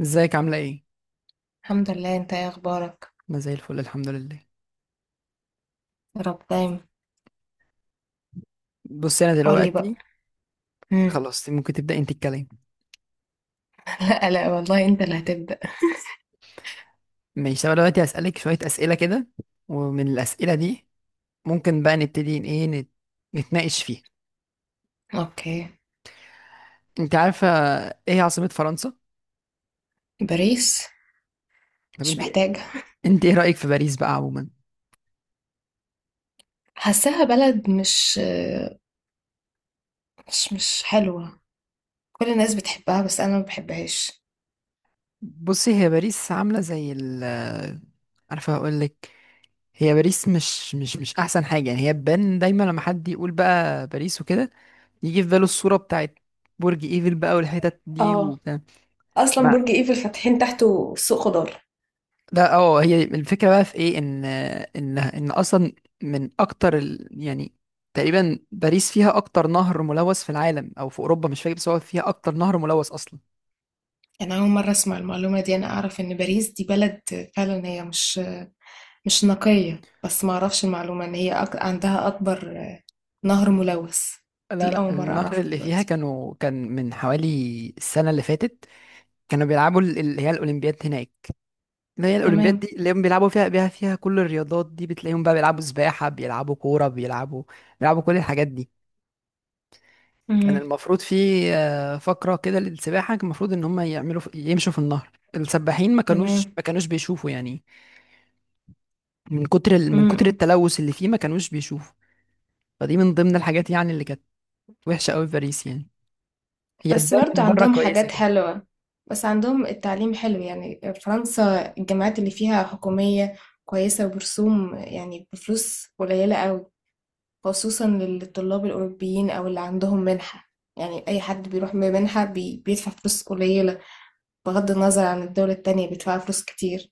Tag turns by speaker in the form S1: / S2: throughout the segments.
S1: ازيك عاملة ايه؟
S2: الحمد لله. انت ايه اخبارك؟
S1: انا زي الفل الحمد لله.
S2: يا رب دايما.
S1: بص انا
S2: قول لي بقى.
S1: دلوقتي،
S2: مم.
S1: خلاص ممكن تبدأ انت الكلام.
S2: لا لا والله انت اللي هتبدأ.
S1: ماشي، انا دلوقتي هسألك شوية اسئلة كده، ومن الاسئلة دي ممكن بقى نبتدي ان ايه نتناقش فيها.
S2: اوكي.
S1: انت عارفة ايه عاصمة فرنسا؟
S2: باريس.
S1: طب
S2: مش
S1: انت،
S2: محتاجة.
S1: انت ايه رأيك في باريس بقى عموما؟
S2: حاساها بلد مش حلوة. كل الناس بتحبها بس انا ما بحبهاش.
S1: بصي، هي باريس عاملة زي ال... عارفة هقولك، هي باريس مش احسن حاجة، يعني هي بان دايما لما حد يقول بقى باريس وكده، يجي في باله الصورة بتاعت برج ايفل بقى والحتت دي
S2: اه،
S1: وبتاع.
S2: اصلا
S1: ما،
S2: برج ايفل فاتحين تحته سوق خضار.
S1: لا اه هي الفكره بقى في ايه، ان ان اصلا من اكتر ال... يعني تقريبا باريس فيها اكتر نهر ملوث في العالم او في اوروبا مش فاكر، بس هو فيها اكتر نهر ملوث اصلا.
S2: انا اول مرة اسمع المعلومة دي، انا اعرف ان باريس دي بلد فعلا هي مش نقية، بس ما اعرفش المعلومة ان هي عندها اكبر نهر ملوث.
S1: لا
S2: دي
S1: لا،
S2: اول مرة
S1: النهر
S2: اعرفها
S1: اللي فيها
S2: دلوقتي.
S1: كان من حوالي السنه اللي فاتت كانوا بيلعبوا اللي هي الاولمبياد هناك، اللي هي الاولمبياد
S2: تمام.
S1: دي اللي هم بيلعبوا فيها، بيها فيها كل الرياضات دي، بتلاقيهم بقى بيلعبوا سباحه، بيلعبوا كوره، بيلعبوا بيلعبوا كل الحاجات دي. كان
S2: امم.
S1: المفروض في فقرة كده للسباحة، كان المفروض ان هم يعملوا يمشوا في النهر. السباحين ما كانوش
S2: تمام.
S1: ما كانوش بيشوفوا، يعني من كتر من كتر
S2: امم.
S1: التلوث اللي فيه ما كانوش بيشوفوا. فدي من ضمن الحاجات يعني اللي كانت وحشة قوي في باريس يعني. هي
S2: بس
S1: الدم
S2: برضو
S1: من بره
S2: عندهم
S1: كويسة
S2: حاجات
S1: كده.
S2: حلوة، بس عندهم التعليم حلو، يعني فرنسا الجامعات اللي فيها حكومية كويسة وبرسوم يعني بفلوس قليلة قوي، خصوصا للطلاب الأوروبيين أو اللي عندهم منحة. يعني أي حد بيروح بمنحة بيدفع فلوس قليلة، بغض النظر عن الدولة التانية بيدفع فلوس كتير.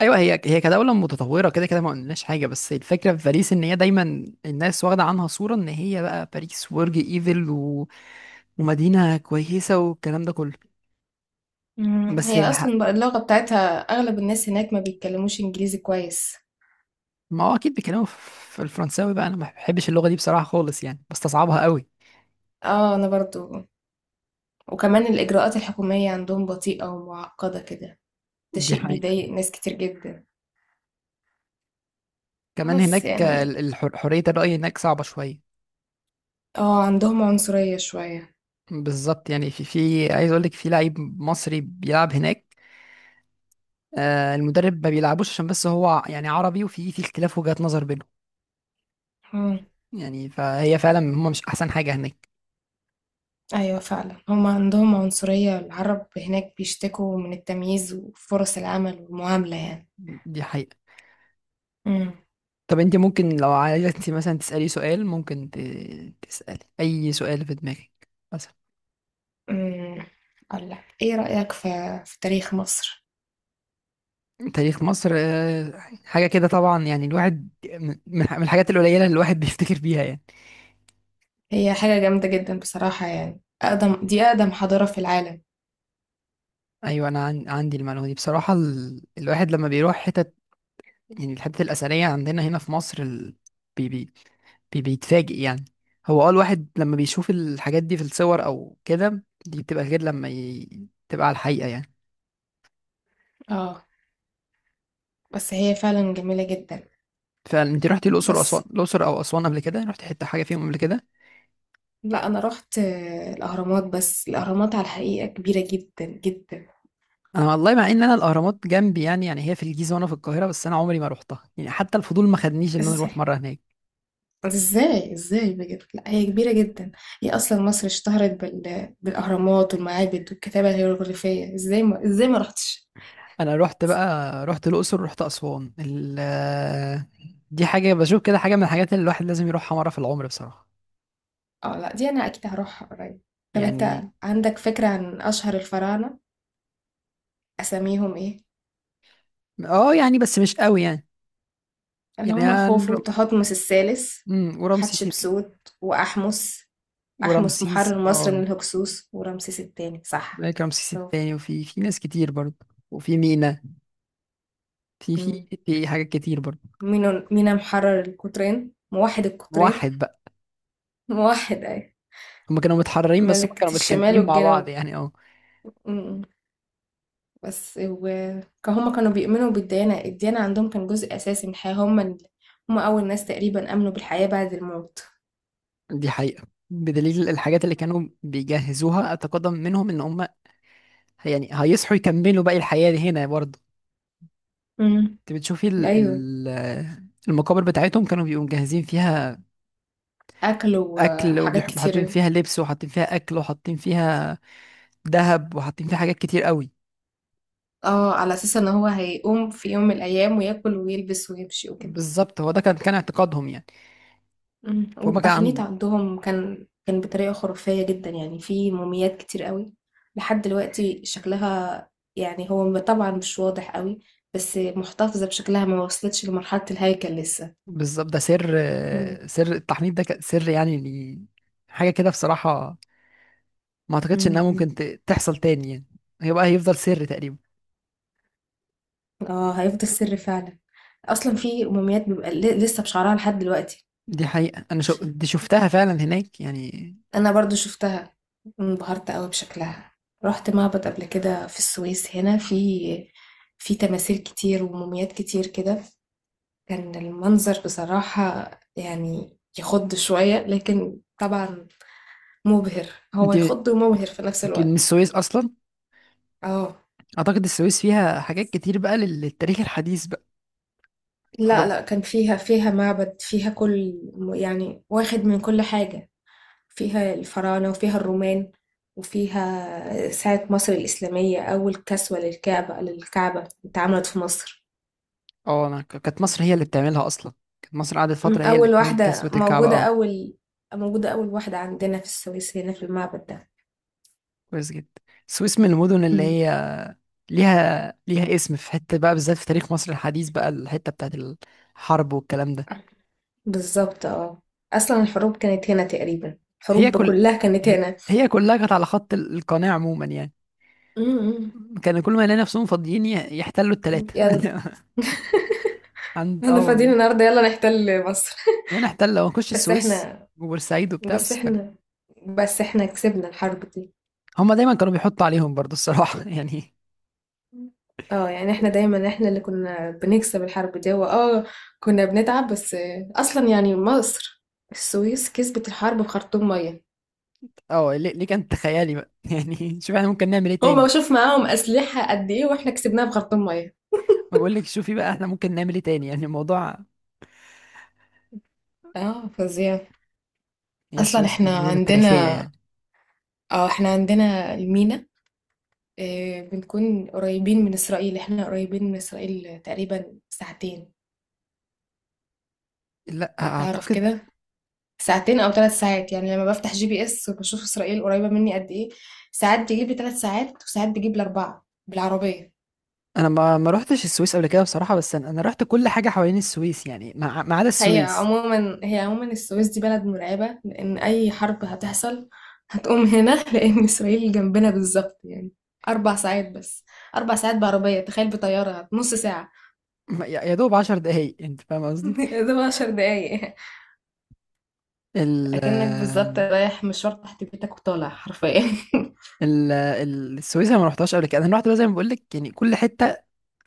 S1: ايوه، هي كدولة متطورة كده كده ما قلناش حاجة، بس الفكرة في باريس ان هي دايما الناس واخدة عنها صورة ان هي بقى باريس، برج ايفل و... ومدينة كويسة والكلام ده كله.
S2: مم.
S1: بس
S2: هي
S1: الح...
S2: أصلا بقى اللغة بتاعتها أغلب الناس هناك ما بيتكلموش إنجليزي كويس.
S1: ما هو اكيد بيكلموا في الفرنساوي بقى، انا ما بحبش اللغه دي بصراحه خالص، يعني بستصعبها قوي.
S2: اه، أنا برضو. وكمان الإجراءات الحكومية عندهم بطيئة ومعقدة كده. ده
S1: دي
S2: شيء
S1: حقيقه.
S2: بيضايق ناس كتير جدا.
S1: كمان
S2: خلاص
S1: هناك
S2: يعني.
S1: حريه الراي هناك صعبه شويه.
S2: اه، عندهم عنصرية شوية.
S1: بالظبط، يعني في عايز اقول لك في لعيب مصري بيلعب هناك، المدرب ما بيلعبوش عشان بس هو يعني عربي، وفي اختلاف وجهات نظر بينهم،
S2: مم.
S1: يعني فهي فعلا هم مش احسن حاجه هناك.
S2: أيوة فعلا، هم عندهم عنصرية، العرب هناك بيشتكوا من التمييز وفرص العمل والمعاملة يعني.
S1: دي حقيقه.
S2: مم.
S1: طب انت ممكن لو عايزه انت مثلا تسالي سؤال، ممكن تسالي اي سؤال في دماغك بس.
S2: مم. أقول لك إيه رأيك في تاريخ مصر؟
S1: تاريخ مصر حاجة كده طبعا، يعني الواحد من الحاجات القليلة اللي الواحد بيفتكر بيها يعني.
S2: هي حاجة جامدة جدا بصراحة، يعني أقدم، دي أقدم حضارة في العالم.
S1: أيوة أنا عندي المعلومة دي بصراحة، ال... الواحد لما بيروح حتت، يعني الحتت الأثرية عندنا هنا في مصر، ال... بي... بي... بيتفاجئ يعني. هو الواحد لما بيشوف الحاجات دي في الصور أو كده، دي بتبقى غير لما ي... تبقى على الحقيقة يعني.
S2: اه، بس هي فعلا جميلة جدا.
S1: فأنت رحتي الأقصر وأسوان،
S2: بس
S1: الأقصر أو أسوان قبل كده رحتي حتة حاجة فيهم قبل كده؟
S2: لا، انا رحت الاهرامات، بس الاهرامات على الحقيقه كبيره جدا جدا.
S1: انا والله مع ان انا الاهرامات جنبي، يعني هي في الجيزه وانا في القاهره، بس انا عمري ما روحتها، يعني حتى الفضول ما خدنيش ان انا
S2: ازاي؟
S1: اروح مره هناك.
S2: ازاي ازاي بجد؟ لا هي كبيره جدا، هي اصلا مصر اشتهرت بالاهرامات والمعابد والكتابه الهيروغليفيه، ازاي ما رحتش؟
S1: انا رحت بقى، رحت الاقصر، رحت اسوان، ال... دي حاجه بشوف كده، حاجه من الحاجات اللي الواحد لازم يروحها مره في العمر بصراحه.
S2: اه لا، دي انا اكيد هروحها قريب. طب انت
S1: يعني
S2: عندك فكره عن اشهر الفراعنه؟ اساميهم ايه؟
S1: اه يعني بس مش قوي يعني.
S2: اللي
S1: يعني
S2: هم خوفو، تحتمس الثالث،
S1: ورمسيس
S2: حتشبسوت، واحمس. احمس
S1: ورمسيس
S2: محرر مصر من الهكسوس، ورمسيس الثاني، صح؟
S1: هناك، رمسيس التاني، وفي ناس كتير برضه، وفي مينا، في في
S2: برافو.
S1: في حاجات كتير برضه.
S2: مينا، مينا محرر القطرين، موحد القطرين.
S1: واحد بقى.
S2: موحد أي،
S1: هما كانوا متحررين، بس هما
S2: ملكة
S1: كانوا
S2: الشمال
S1: متخانقين مع بعض
S2: والجنوب.
S1: يعني، اه.
S2: م- بس، وهما كانوا بيؤمنوا بالديانة، الديانة عندهم كان جزء أساسي من الحياة. هما هما أول ناس تقريبا آمنوا بالحياة بعد الموت.
S1: دي حقيقة، بدليل الحاجات اللي كانوا بيجهزوها أتقدم منهم، إن هم يعني هيصحوا يكملوا باقي الحياة دي هنا برضه.
S2: امم.
S1: أنت بتشوفي
S2: أيوه.
S1: المقابر بتاعتهم كانوا بيبقوا مجهزين فيها
S2: أكلوا. آه،
S1: أكل،
S2: حاجات
S1: وحاطين
S2: كتير.
S1: فيها لبس، وحاطين فيها أكل، وحاطين فيها ذهب، وحاطين فيها حاجات كتير قوي.
S2: اه، على أساس إن هو هيقوم في يوم من الأيام وياكل ويلبس ويمشي وكده.
S1: بالظبط، هو ده كان اعتقادهم يعني.
S2: إمم.
S1: فهم كان
S2: والتحنيط
S1: عن،
S2: عندهم كان بطريقة خرافية جدًا، يعني في مومياوات كتير أوي لحد دلوقتي شكلها، يعني هو طبعًا مش واضح أوي، بس محتفظة بشكلها، ما وصلتش لمرحلة الهيكل لسه.
S1: بالظبط، ده سر،
S2: إمم،
S1: سر التحنيط ده كان سر يعني، ل... حاجة كده بصراحة، ما أعتقدش إنها
S2: إمم، إمم.
S1: ممكن تحصل تاني يعني. هيبقى، هيفضل سر تقريبا.
S2: آه، هيفضل سر فعلًا. أصلًا في مومياوات بيبقى لسه بشعرها لحد دلوقتي.
S1: دي حقيقة، أنا شو... دي شفتها فعلا هناك يعني.
S2: أنا برضه شُفتها، انبهرت أوي بشكلها. رُحت معبد قبل كده في السويس هنا، في في تماثيل كتير ومومياوات كتير كده. كان المنظر بصراحة يعني يخض شوية، لكن طبعا مبهر. هو
S1: أنت
S2: يخض ومبهر في نفس
S1: أنت من
S2: الوقت.
S1: السويس أصلا.
S2: اه
S1: أعتقد السويس فيها حاجات كتير بقى للتاريخ الحديث بقى،
S2: لا
S1: حرب.
S2: لا، كان فيها، فيها معبد، فيها كل، يعني واخد من كل حاجة. فيها الفراعنة وفيها الرومان وفيها ساعة مصر الإسلامية. أول كسوة للكعبة، للكعبة اتعملت في مصر.
S1: أه، أنا كانت مصر هي اللي بتعملها أصلا، كانت مصر قعدت فترة هي اللي
S2: أول
S1: بتعمل
S2: واحدة
S1: كسوة الكعبة،
S2: موجودة،
S1: أه.
S2: أول موجودة، أول واحدة عندنا في السويس هنا في المعبد
S1: كويس جدا. السويس من المدن
S2: ده.
S1: اللي هي ليها اسم في حتة بقى، بالذات في تاريخ مصر الحديث بقى، الحتة بتاعت الحرب والكلام ده.
S2: بالظبط، اه. اصلا الحروب كانت هنا تقريبا،
S1: هي
S2: الحروب
S1: كل
S2: كلها كانت
S1: هي
S2: هنا.
S1: هي كلها كانت على خط القناة عموما يعني.
S2: امم.
S1: كانوا كل ما يلاقي نفسهم فاضيين يحتلوا التلاتة
S2: يلا.
S1: عند،
S2: احنا
S1: اه
S2: فاضيين
S1: والله،
S2: النهارده، يلا نحتل مصر.
S1: يعني احتل ونخش
S2: بس
S1: السويس
S2: احنا،
S1: وبورسعيد وبتاع،
S2: بس
S1: بس كان
S2: احنا، بس احنا كسبنا الحرب دي.
S1: هما دايما كانوا بيحطوا عليهم برضو الصراحة يعني.
S2: اه يعني احنا دايما، احنا اللي كنا بنكسب الحرب دي، هو اه، كنا بنتعب بس. اصلا يعني مصر، السويس كسبت الحرب بخرطوم ميه.
S1: اه، ليه كانت خيالي بقى يعني شوف احنا ممكن نعمل ايه تاني.
S2: هما شوف معاهم اسلحه قد ايه واحنا كسبناها بخرطوم ميه.
S1: ما بقول لك شوفي بقى، احنا ممكن نعمل ايه تاني، يعني الموضوع.
S2: اه، فظيع.
S1: هي
S2: اصلا
S1: السويس
S2: احنا
S1: بالمدن التاريخية
S2: عندنا،
S1: يعني.
S2: اه احنا عندنا المينا. بنكون قريبين من إسرائيل. احنا قريبين من إسرائيل تقريبا ساعتين،
S1: لا
S2: تعرف
S1: اعتقد.
S2: كده، ساعتين أو 3 ساعات. يعني لما بفتح GPS وبشوف إسرائيل قريبة مني قد إيه، ساعات بيجيب لي 3 ساعات وساعات بيجيب لي أربعة بالعربية.
S1: انا ما رحتش السويس قبل كده بصراحة، بس انا رحت كل حاجة حوالين السويس، يعني ما عدا
S2: هي
S1: السويس.
S2: عموما، هي عموما السويس دي بلد مرعبة، لأن أي حرب هتحصل هتقوم هنا. لأن إسرائيل جنبنا بالظبط، يعني 4 ساعات بس. 4 ساعات بعربية، تخيل بطيارة نص ساعة.
S1: يا دوب 10 دقايق، انت فاهم قصدي.
S2: ده 10 دقايق،
S1: ال،
S2: اكنك بالظبط رايح مشوار تحت بيتك وطالع حرفيا.
S1: السويس انا ما رحتهاش قبل كده، انا رحت بقى زي ما بقول لك يعني كل حته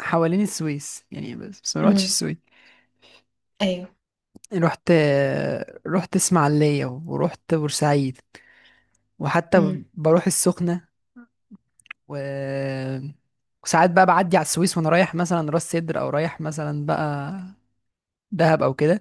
S1: حوالين السويس يعني، بس ما رحتش
S2: امم.
S1: السويس.
S2: ايوه.
S1: رحت، رحت اسماعيليه ورحت بورسعيد، وحتى
S2: امم.
S1: بروح السخنه، و... وساعات بقى بعدي على السويس وانا رايح مثلا راس سدر، او رايح مثلا بقى دهب او كده.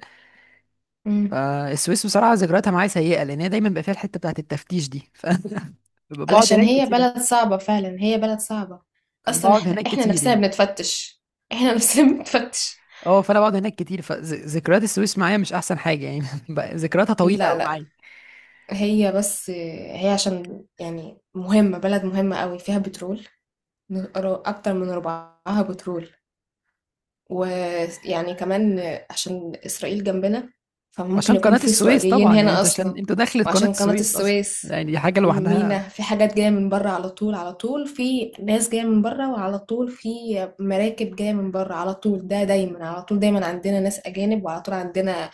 S2: امم.
S1: فالسويس بصراحه ذكرياتها معايا سيئه، لان هي دايما بقى فيها الحته بتاعت التفتيش دي ف بقعد
S2: علشان
S1: هناك
S2: هي
S1: كتير،
S2: بلد صعبة، فعلا هي بلد صعبة. اصلا
S1: بقعد
S2: احنا،
S1: هناك
S2: احنا
S1: كتير
S2: نفسنا
S1: يعني
S2: بنتفتش، احنا نفسنا بنتفتش.
S1: اه، فانا بقعد هناك كتير، فذكريات السويس معايا مش احسن حاجه يعني بقى ذكرياتها طويله
S2: لا
S1: قوي
S2: لا.
S1: معايا.
S2: هي بس، هي عشان يعني مهمة، بلد مهمة قوي، فيها بترول، اكتر من ربعها بترول. ويعني كمان عشان إسرائيل جنبنا، فممكن
S1: عشان
S2: يكون
S1: قناه
S2: في
S1: السويس
S2: إسرائيليين
S1: طبعا، يعني
S2: هنا
S1: انت عشان
S2: أصلا.
S1: انت دخلت قناه
S2: وعشان قناة
S1: السويس اصلا،
S2: السويس
S1: يعني دي حاجه لوحدها.
S2: والمينا، في حاجات جاية من بره على طول، على طول في ناس جاية من بره، وعلى طول في مراكب جاية من بره على طول، ده دايما على طول، دايما عندنا ناس أجانب، وعلى طول عندنا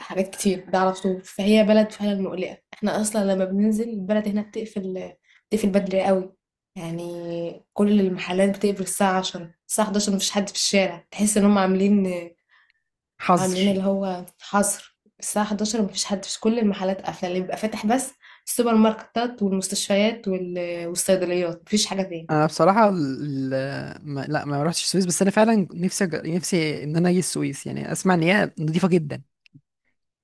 S2: حاجات كتير، ده على طول. فهي بلد فعلا مقلقة. احنا اصلا لما بننزل البلد هنا بتقفل بدري قوي، يعني كل المحلات بتقفل الساعة 10 الساعة 11، مفيش حد في الشارع، تحس ان هم عاملين
S1: حظر.
S2: عاملين اللي هو حظر. الساعة 11 مفيش حد، في كل المحلات قافلة، اللي بيبقى فاتح بس السوبر ماركتات والمستشفيات والصيدليات، مفيش حاجة تاني.
S1: انا بصراحه، ال... ال- ما... لا ما رحتش السويس، بس انا فعلا نفسي أج... نفسي ان انا اجي السويس، يعني اسمع ان هي نظيفه جدا،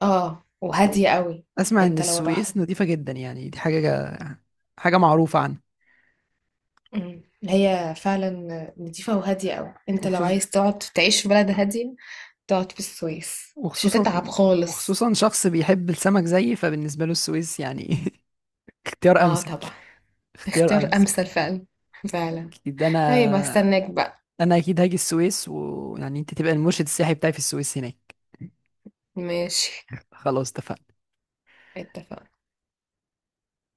S2: اه، وهادية قوي.
S1: اسمع ان
S2: انت لو رحت،
S1: السويس نظيفه جدا، يعني دي حاجه حاجه معروفه عنها.
S2: مم، هي فعلا نضيفة وهادية قوي. انت لو
S1: وخصوص...
S2: عايز تقعد تعيش في بلد هادية، تقعد في السويس مش
S1: وخصوصا،
S2: هتتعب خالص.
S1: وخصوصا شخص بيحب السمك زيي، فبالنسبه له السويس يعني اختيار
S2: اه
S1: امثل،
S2: طبعا.
S1: اختيار
S2: اختيار
S1: امثل.
S2: امثل فعلا. فعلا.
S1: اكيد انا،
S2: طيب هستناك بقى.
S1: انا اكيد هاجي السويس، ويعني انت تبقى المرشد السياحي بتاعي في السويس هناك.
S2: ماشي.
S1: خلاص اتفقنا.
S2: اتفقنا.